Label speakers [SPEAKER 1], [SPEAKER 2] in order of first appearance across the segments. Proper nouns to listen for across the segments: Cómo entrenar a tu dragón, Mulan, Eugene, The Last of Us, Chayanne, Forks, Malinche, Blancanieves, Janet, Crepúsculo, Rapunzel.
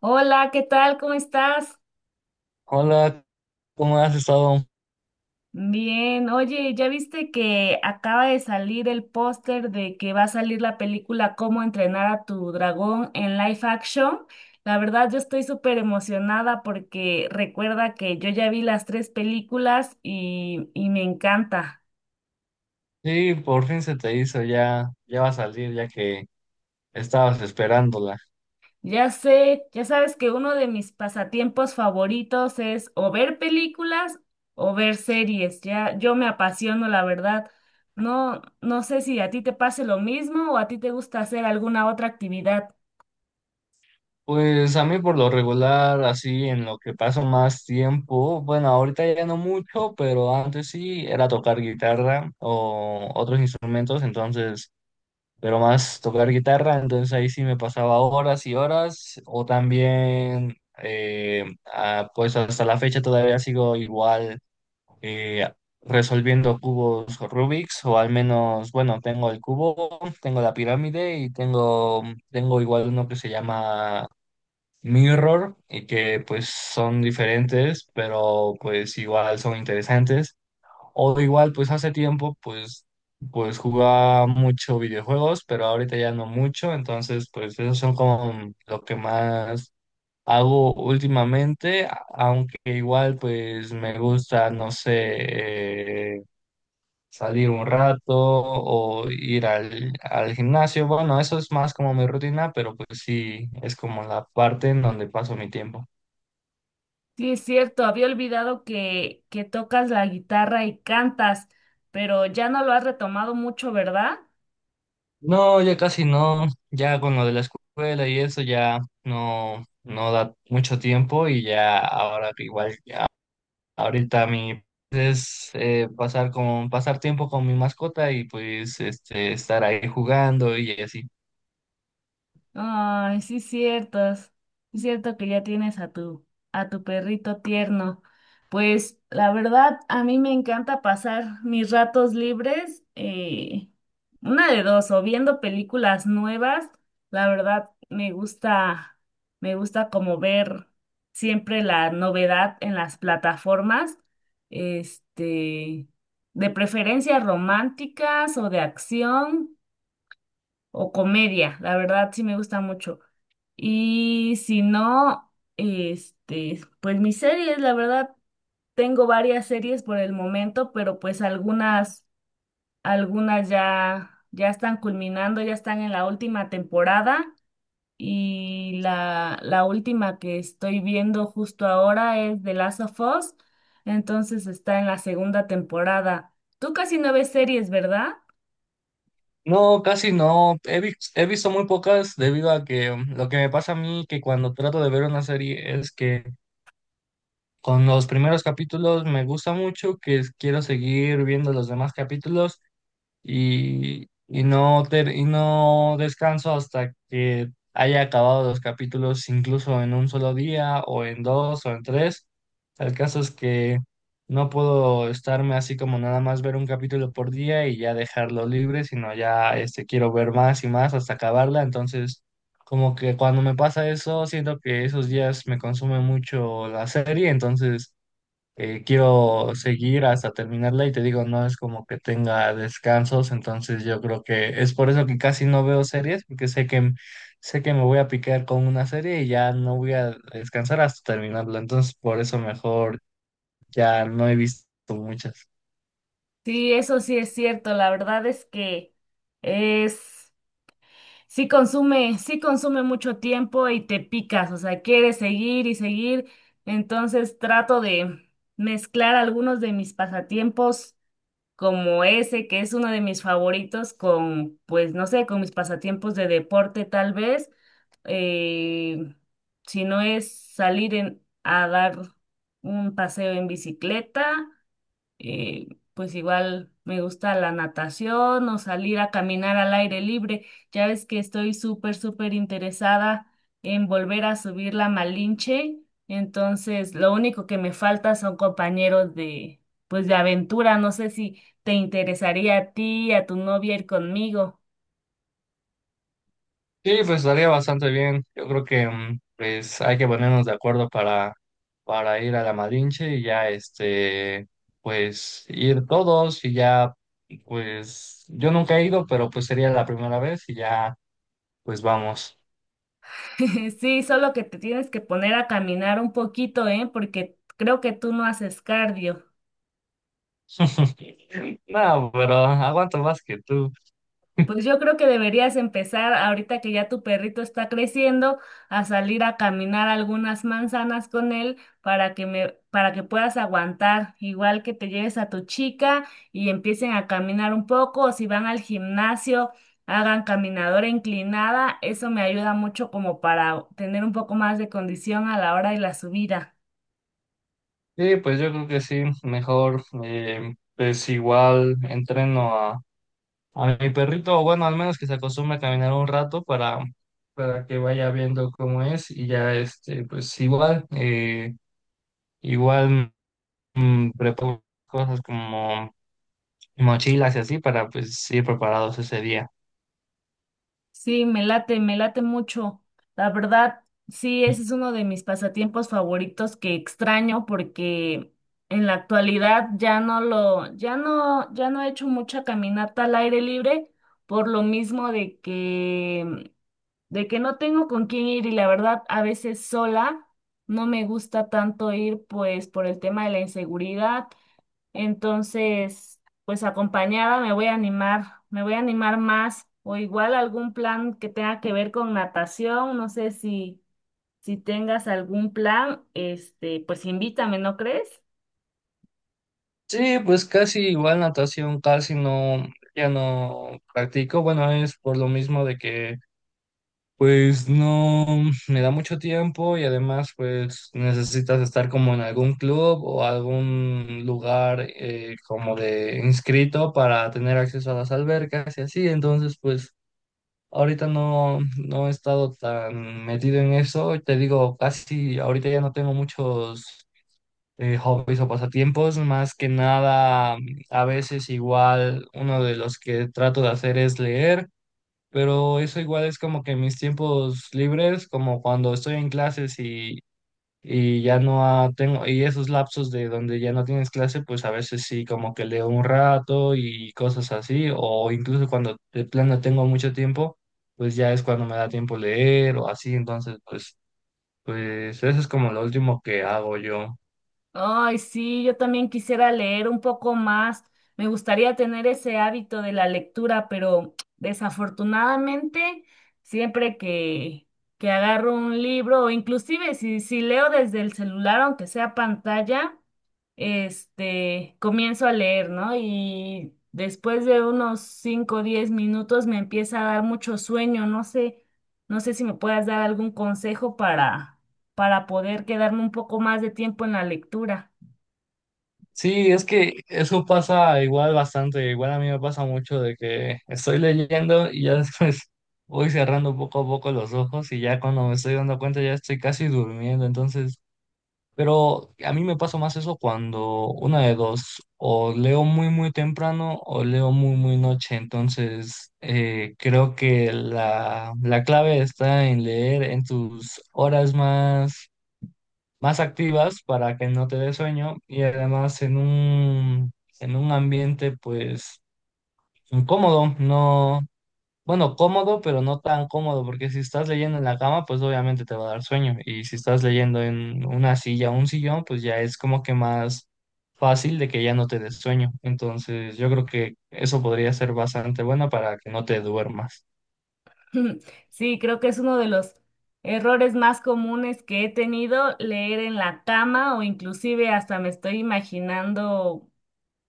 [SPEAKER 1] Hola, ¿qué tal? ¿Cómo estás?
[SPEAKER 2] Hola, ¿cómo has estado?
[SPEAKER 1] Bien, oye, ¿ya viste que acaba de salir el póster de que va a salir la película Cómo entrenar a tu dragón en live action? La verdad, yo estoy súper emocionada porque recuerda que yo ya vi las tres películas y me encanta.
[SPEAKER 2] Sí, por fin se te hizo, ya va a salir, ya que estabas esperándola.
[SPEAKER 1] Ya sé, ya sabes que uno de mis pasatiempos favoritos es o ver películas o ver series. Ya, yo me apasiono, la verdad. No, no sé si a ti te pase lo mismo o a ti te gusta hacer alguna otra actividad.
[SPEAKER 2] Pues a mí por lo regular, así en lo que paso más tiempo, bueno, ahorita ya no mucho, pero antes sí era tocar guitarra o otros instrumentos, entonces, pero más tocar guitarra, entonces ahí sí me pasaba horas y horas, o también, pues hasta la fecha todavía sigo igual, eh, resolviendo cubos Rubik's, o al menos, bueno, tengo el cubo, tengo la pirámide y tengo igual uno que se llama Mirror y que pues son diferentes, pero pues igual son interesantes. O igual, pues hace tiempo, pues jugaba mucho videojuegos, pero ahorita ya no mucho, entonces pues esos son como lo que más hago últimamente, aunque igual pues me gusta, no sé, salir un rato o ir al gimnasio. Bueno, eso es más como mi rutina, pero pues sí, es como la parte en donde paso mi tiempo.
[SPEAKER 1] Sí, es cierto, había olvidado que tocas la guitarra y cantas, pero ya no lo has retomado mucho, ¿verdad?
[SPEAKER 2] No, ya casi no, ya con lo de la escuela y eso ya no da mucho tiempo y ya ahora igual, ahorita mi es, pasar tiempo con mi mascota y pues este estar ahí jugando y así.
[SPEAKER 1] Ay, sí, ciertos. Es cierto que ya tienes a tu perrito tierno. Pues la verdad, a mí me encanta pasar mis ratos libres, una de dos, o viendo películas nuevas. La verdad, me gusta como ver siempre la novedad en las plataformas, este, de preferencia románticas o de acción o comedia. La verdad, sí me gusta mucho. Y si no, pues mis series, la verdad, tengo varias series por el momento, pero pues algunas, algunas ya están culminando, ya están en la última temporada. Y la última que estoy viendo justo ahora es The Last of Us, entonces está en la segunda temporada. Tú casi no ves series, ¿verdad?
[SPEAKER 2] No, casi no. He visto muy pocas debido a que, lo que me pasa a mí que cuando trato de ver una serie es que con los primeros capítulos me gusta mucho, que quiero seguir viendo los demás capítulos y no descanso hasta que haya acabado los capítulos, incluso en un solo día, o en dos, o en tres. El caso es que no puedo estarme así como nada más ver un capítulo por día y ya dejarlo libre, sino ya este, quiero ver más y más hasta acabarla. Entonces, como que cuando me pasa eso, siento que esos días me consume mucho la serie, entonces, quiero seguir hasta terminarla y te digo, no es como que tenga descansos, entonces yo creo que es por eso que casi no veo series, porque sé que sé que me voy a picar con una serie y ya no voy a descansar hasta terminarla, entonces por eso mejor ya no he visto muchas.
[SPEAKER 1] Sí, eso sí es cierto, la verdad es que es. Sí consume mucho tiempo y te picas, o sea, quieres seguir y seguir. Entonces trato de mezclar algunos de mis pasatiempos como ese, que es uno de mis favoritos, con, pues, no sé, con mis pasatiempos de deporte tal vez. Eh, si no es salir a dar un paseo en bicicleta eh, pues igual me gusta la natación o salir a caminar al aire libre. Ya ves que estoy súper, súper interesada en volver a subir la Malinche. Entonces, lo único que me falta son compañeros de, pues, de aventura. No sé si te interesaría a ti, a tu novia ir conmigo.
[SPEAKER 2] Sí, pues estaría bastante bien. Yo creo que, pues hay que ponernos de acuerdo para, ir a la Malinche y ya este, pues ir todos y ya, pues yo nunca he ido, pero pues sería la primera vez y ya, pues vamos.
[SPEAKER 1] Sí, solo que te tienes que poner a caminar un poquito, ¿eh? Porque creo que tú no haces cardio.
[SPEAKER 2] No, pero aguanto más que tú.
[SPEAKER 1] Pues yo creo que deberías empezar ahorita que ya tu perrito está creciendo a salir a caminar algunas manzanas con él para que puedas aguantar, igual que te lleves a tu chica y empiecen a caminar un poco o si van al gimnasio hagan caminadora inclinada, eso me ayuda mucho como para tener un poco más de condición a la hora de la subida.
[SPEAKER 2] Sí, pues yo creo que sí, mejor, pues igual entreno a mi perrito, bueno, al menos que se acostumbre a caminar un rato para que vaya viendo cómo es y ya, este, pues igual, igual preparo cosas como mochilas y así para pues ir preparados ese día.
[SPEAKER 1] Sí, me late mucho. La verdad, sí, ese es uno de mis pasatiempos favoritos que extraño porque en la actualidad ya no lo, ya no, ya no he hecho mucha caminata al aire libre por lo mismo de que, no tengo con quién ir y la verdad a veces sola no me gusta tanto ir pues por el tema de la inseguridad entonces, pues acompañada me voy a animar más o igual algún plan que tenga que ver con natación, no sé si si tengas algún plan, pues invítame, ¿no crees?
[SPEAKER 2] Sí, pues casi igual natación, casi no, ya no practico, bueno, es por lo mismo de que, pues no me da mucho tiempo y además pues necesitas estar como en algún club o algún lugar, como de inscrito para tener acceso a las albercas y así. Entonces pues ahorita no he estado tan metido en eso. Te digo, casi ahorita ya no tengo muchos, hobbies o pasatiempos. Más que nada, a veces igual uno de los que trato de hacer es leer. Pero eso igual es como que mis tiempos libres, como cuando estoy en clases y ya no tengo, y esos lapsos de donde ya no tienes clase, pues a veces sí, como que leo un rato y cosas así, o incluso cuando de plano tengo mucho tiempo, pues ya es cuando me da tiempo leer o así, entonces pues eso es como lo último que hago yo.
[SPEAKER 1] Ay, sí, yo también quisiera leer un poco más. Me gustaría tener ese hábito de la lectura, pero desafortunadamente siempre que agarro un libro o inclusive si si leo desde el celular aunque sea pantalla, comienzo a leer, ¿no? Y después de unos 5, o 10 minutos me empieza a dar mucho sueño, no sé, si me puedas dar algún consejo para poder quedarme un poco más de tiempo en la lectura.
[SPEAKER 2] Sí, es que eso pasa igual bastante, igual a mí me pasa mucho de que estoy leyendo y ya después voy cerrando poco a poco los ojos y ya cuando me estoy dando cuenta ya estoy casi durmiendo, entonces, pero a mí me pasa más eso cuando una de dos, o leo muy muy temprano o leo muy muy noche, entonces, creo que la clave está en leer en tus horas más activas para que no te dé sueño y además en en un ambiente pues incómodo, no, bueno, cómodo, pero no tan cómodo, porque si estás leyendo en la cama, pues obviamente te va a dar sueño y si estás leyendo en una silla o un sillón, pues ya es como que más fácil de que ya no te dé sueño. Entonces, yo creo que eso podría ser bastante bueno para que no te duermas.
[SPEAKER 1] Sí, creo que es uno de los errores más comunes que he tenido, leer en la cama o inclusive hasta me estoy imaginando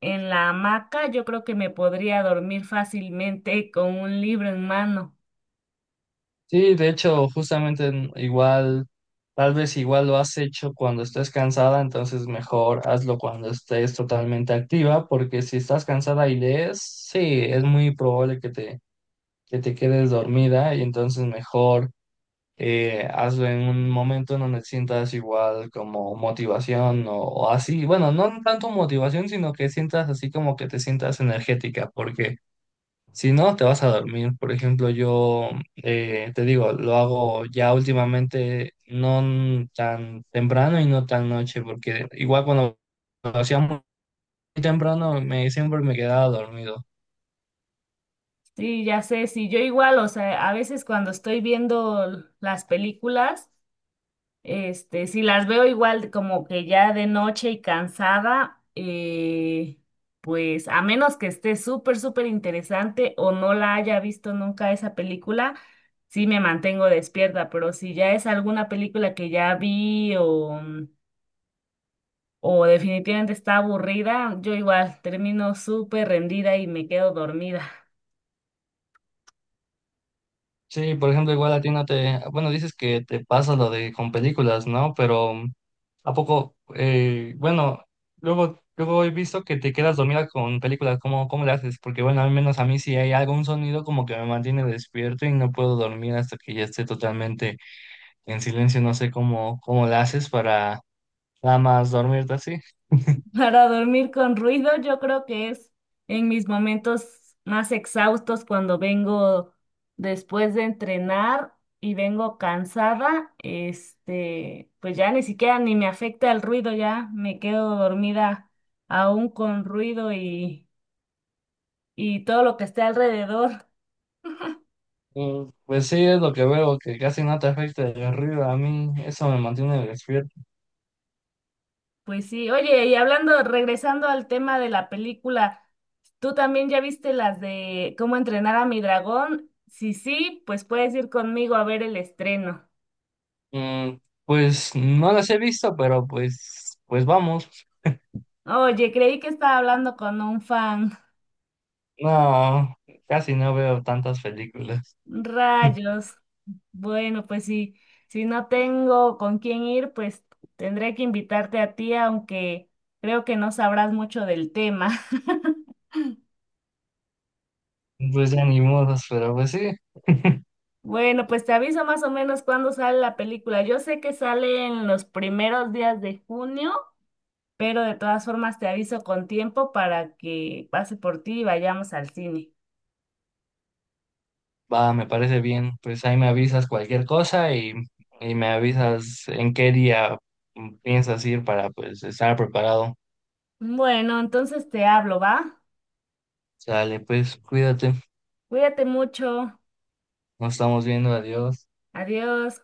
[SPEAKER 1] en la hamaca, yo creo que me podría dormir fácilmente con un libro en mano.
[SPEAKER 2] Sí, de hecho, justamente igual, tal vez igual lo has hecho cuando estés cansada, entonces mejor hazlo cuando estés totalmente activa, porque si estás cansada y lees, sí, es muy probable que te quedes dormida y entonces mejor, hazlo en un momento en donde sientas igual como motivación o así, bueno, no tanto motivación, sino que sientas así como que te sientas energética, porque. Si no, te vas a dormir. Por ejemplo, yo, te digo, lo hago ya últimamente no tan temprano y no tan noche, porque igual cuando lo hacía muy temprano me siempre me quedaba dormido.
[SPEAKER 1] Sí, ya sé, sí, yo igual, o sea, a veces cuando estoy viendo las películas, si las veo igual como que ya de noche y cansada, pues a menos que esté súper, súper interesante o no la haya visto nunca esa película, sí me mantengo despierta, pero si ya es alguna película que ya vi o definitivamente está aburrida, yo igual termino súper rendida y me quedo dormida.
[SPEAKER 2] Sí, por ejemplo, igual a ti no te, bueno, dices que te pasa lo de con películas, ¿no? Pero, ¿a poco, bueno, luego, luego he visto que te quedas dormida con películas? Cómo le haces? Porque bueno, al menos a mí si hay algún sonido como que me mantiene despierto y no puedo dormir hasta que ya esté totalmente en silencio, no sé cómo le haces para nada más dormirte así.
[SPEAKER 1] Para dormir con ruido, yo creo que es en mis momentos más exhaustos cuando vengo después de entrenar y vengo cansada, pues ya ni siquiera ni me afecta el ruido, ya me quedo dormida aún con ruido y todo lo que esté alrededor.
[SPEAKER 2] Pues sí, es lo que veo, que casi no te afecta el ruido, a mí eso me mantiene despierto.
[SPEAKER 1] Pues sí, oye, y hablando, regresando al tema de la película, ¿tú también ya viste las de cómo entrenar a mi dragón? Si sí, pues puedes ir conmigo a ver el estreno.
[SPEAKER 2] Mm, pues no las he visto, pero pues vamos.
[SPEAKER 1] Oye, creí que estaba hablando con un fan.
[SPEAKER 2] No, casi no veo tantas películas.
[SPEAKER 1] Rayos. Bueno, pues sí, si no tengo con quién ir, pues tendré que invitarte a ti, aunque creo que no sabrás mucho del tema.
[SPEAKER 2] Pues ya ni modos, pero pues sí,
[SPEAKER 1] Bueno, pues te aviso más o menos cuándo sale la película. Yo sé que sale en los primeros días de junio, pero de todas formas te aviso con tiempo para que pase por ti y vayamos al cine.
[SPEAKER 2] va, me parece bien. Pues ahí me avisas cualquier cosa y me avisas en qué día, piensas ir para pues estar preparado.
[SPEAKER 1] Bueno, entonces te hablo, ¿va?
[SPEAKER 2] Sale, pues cuídate,
[SPEAKER 1] Cuídate mucho.
[SPEAKER 2] nos estamos viendo, adiós.
[SPEAKER 1] Adiós.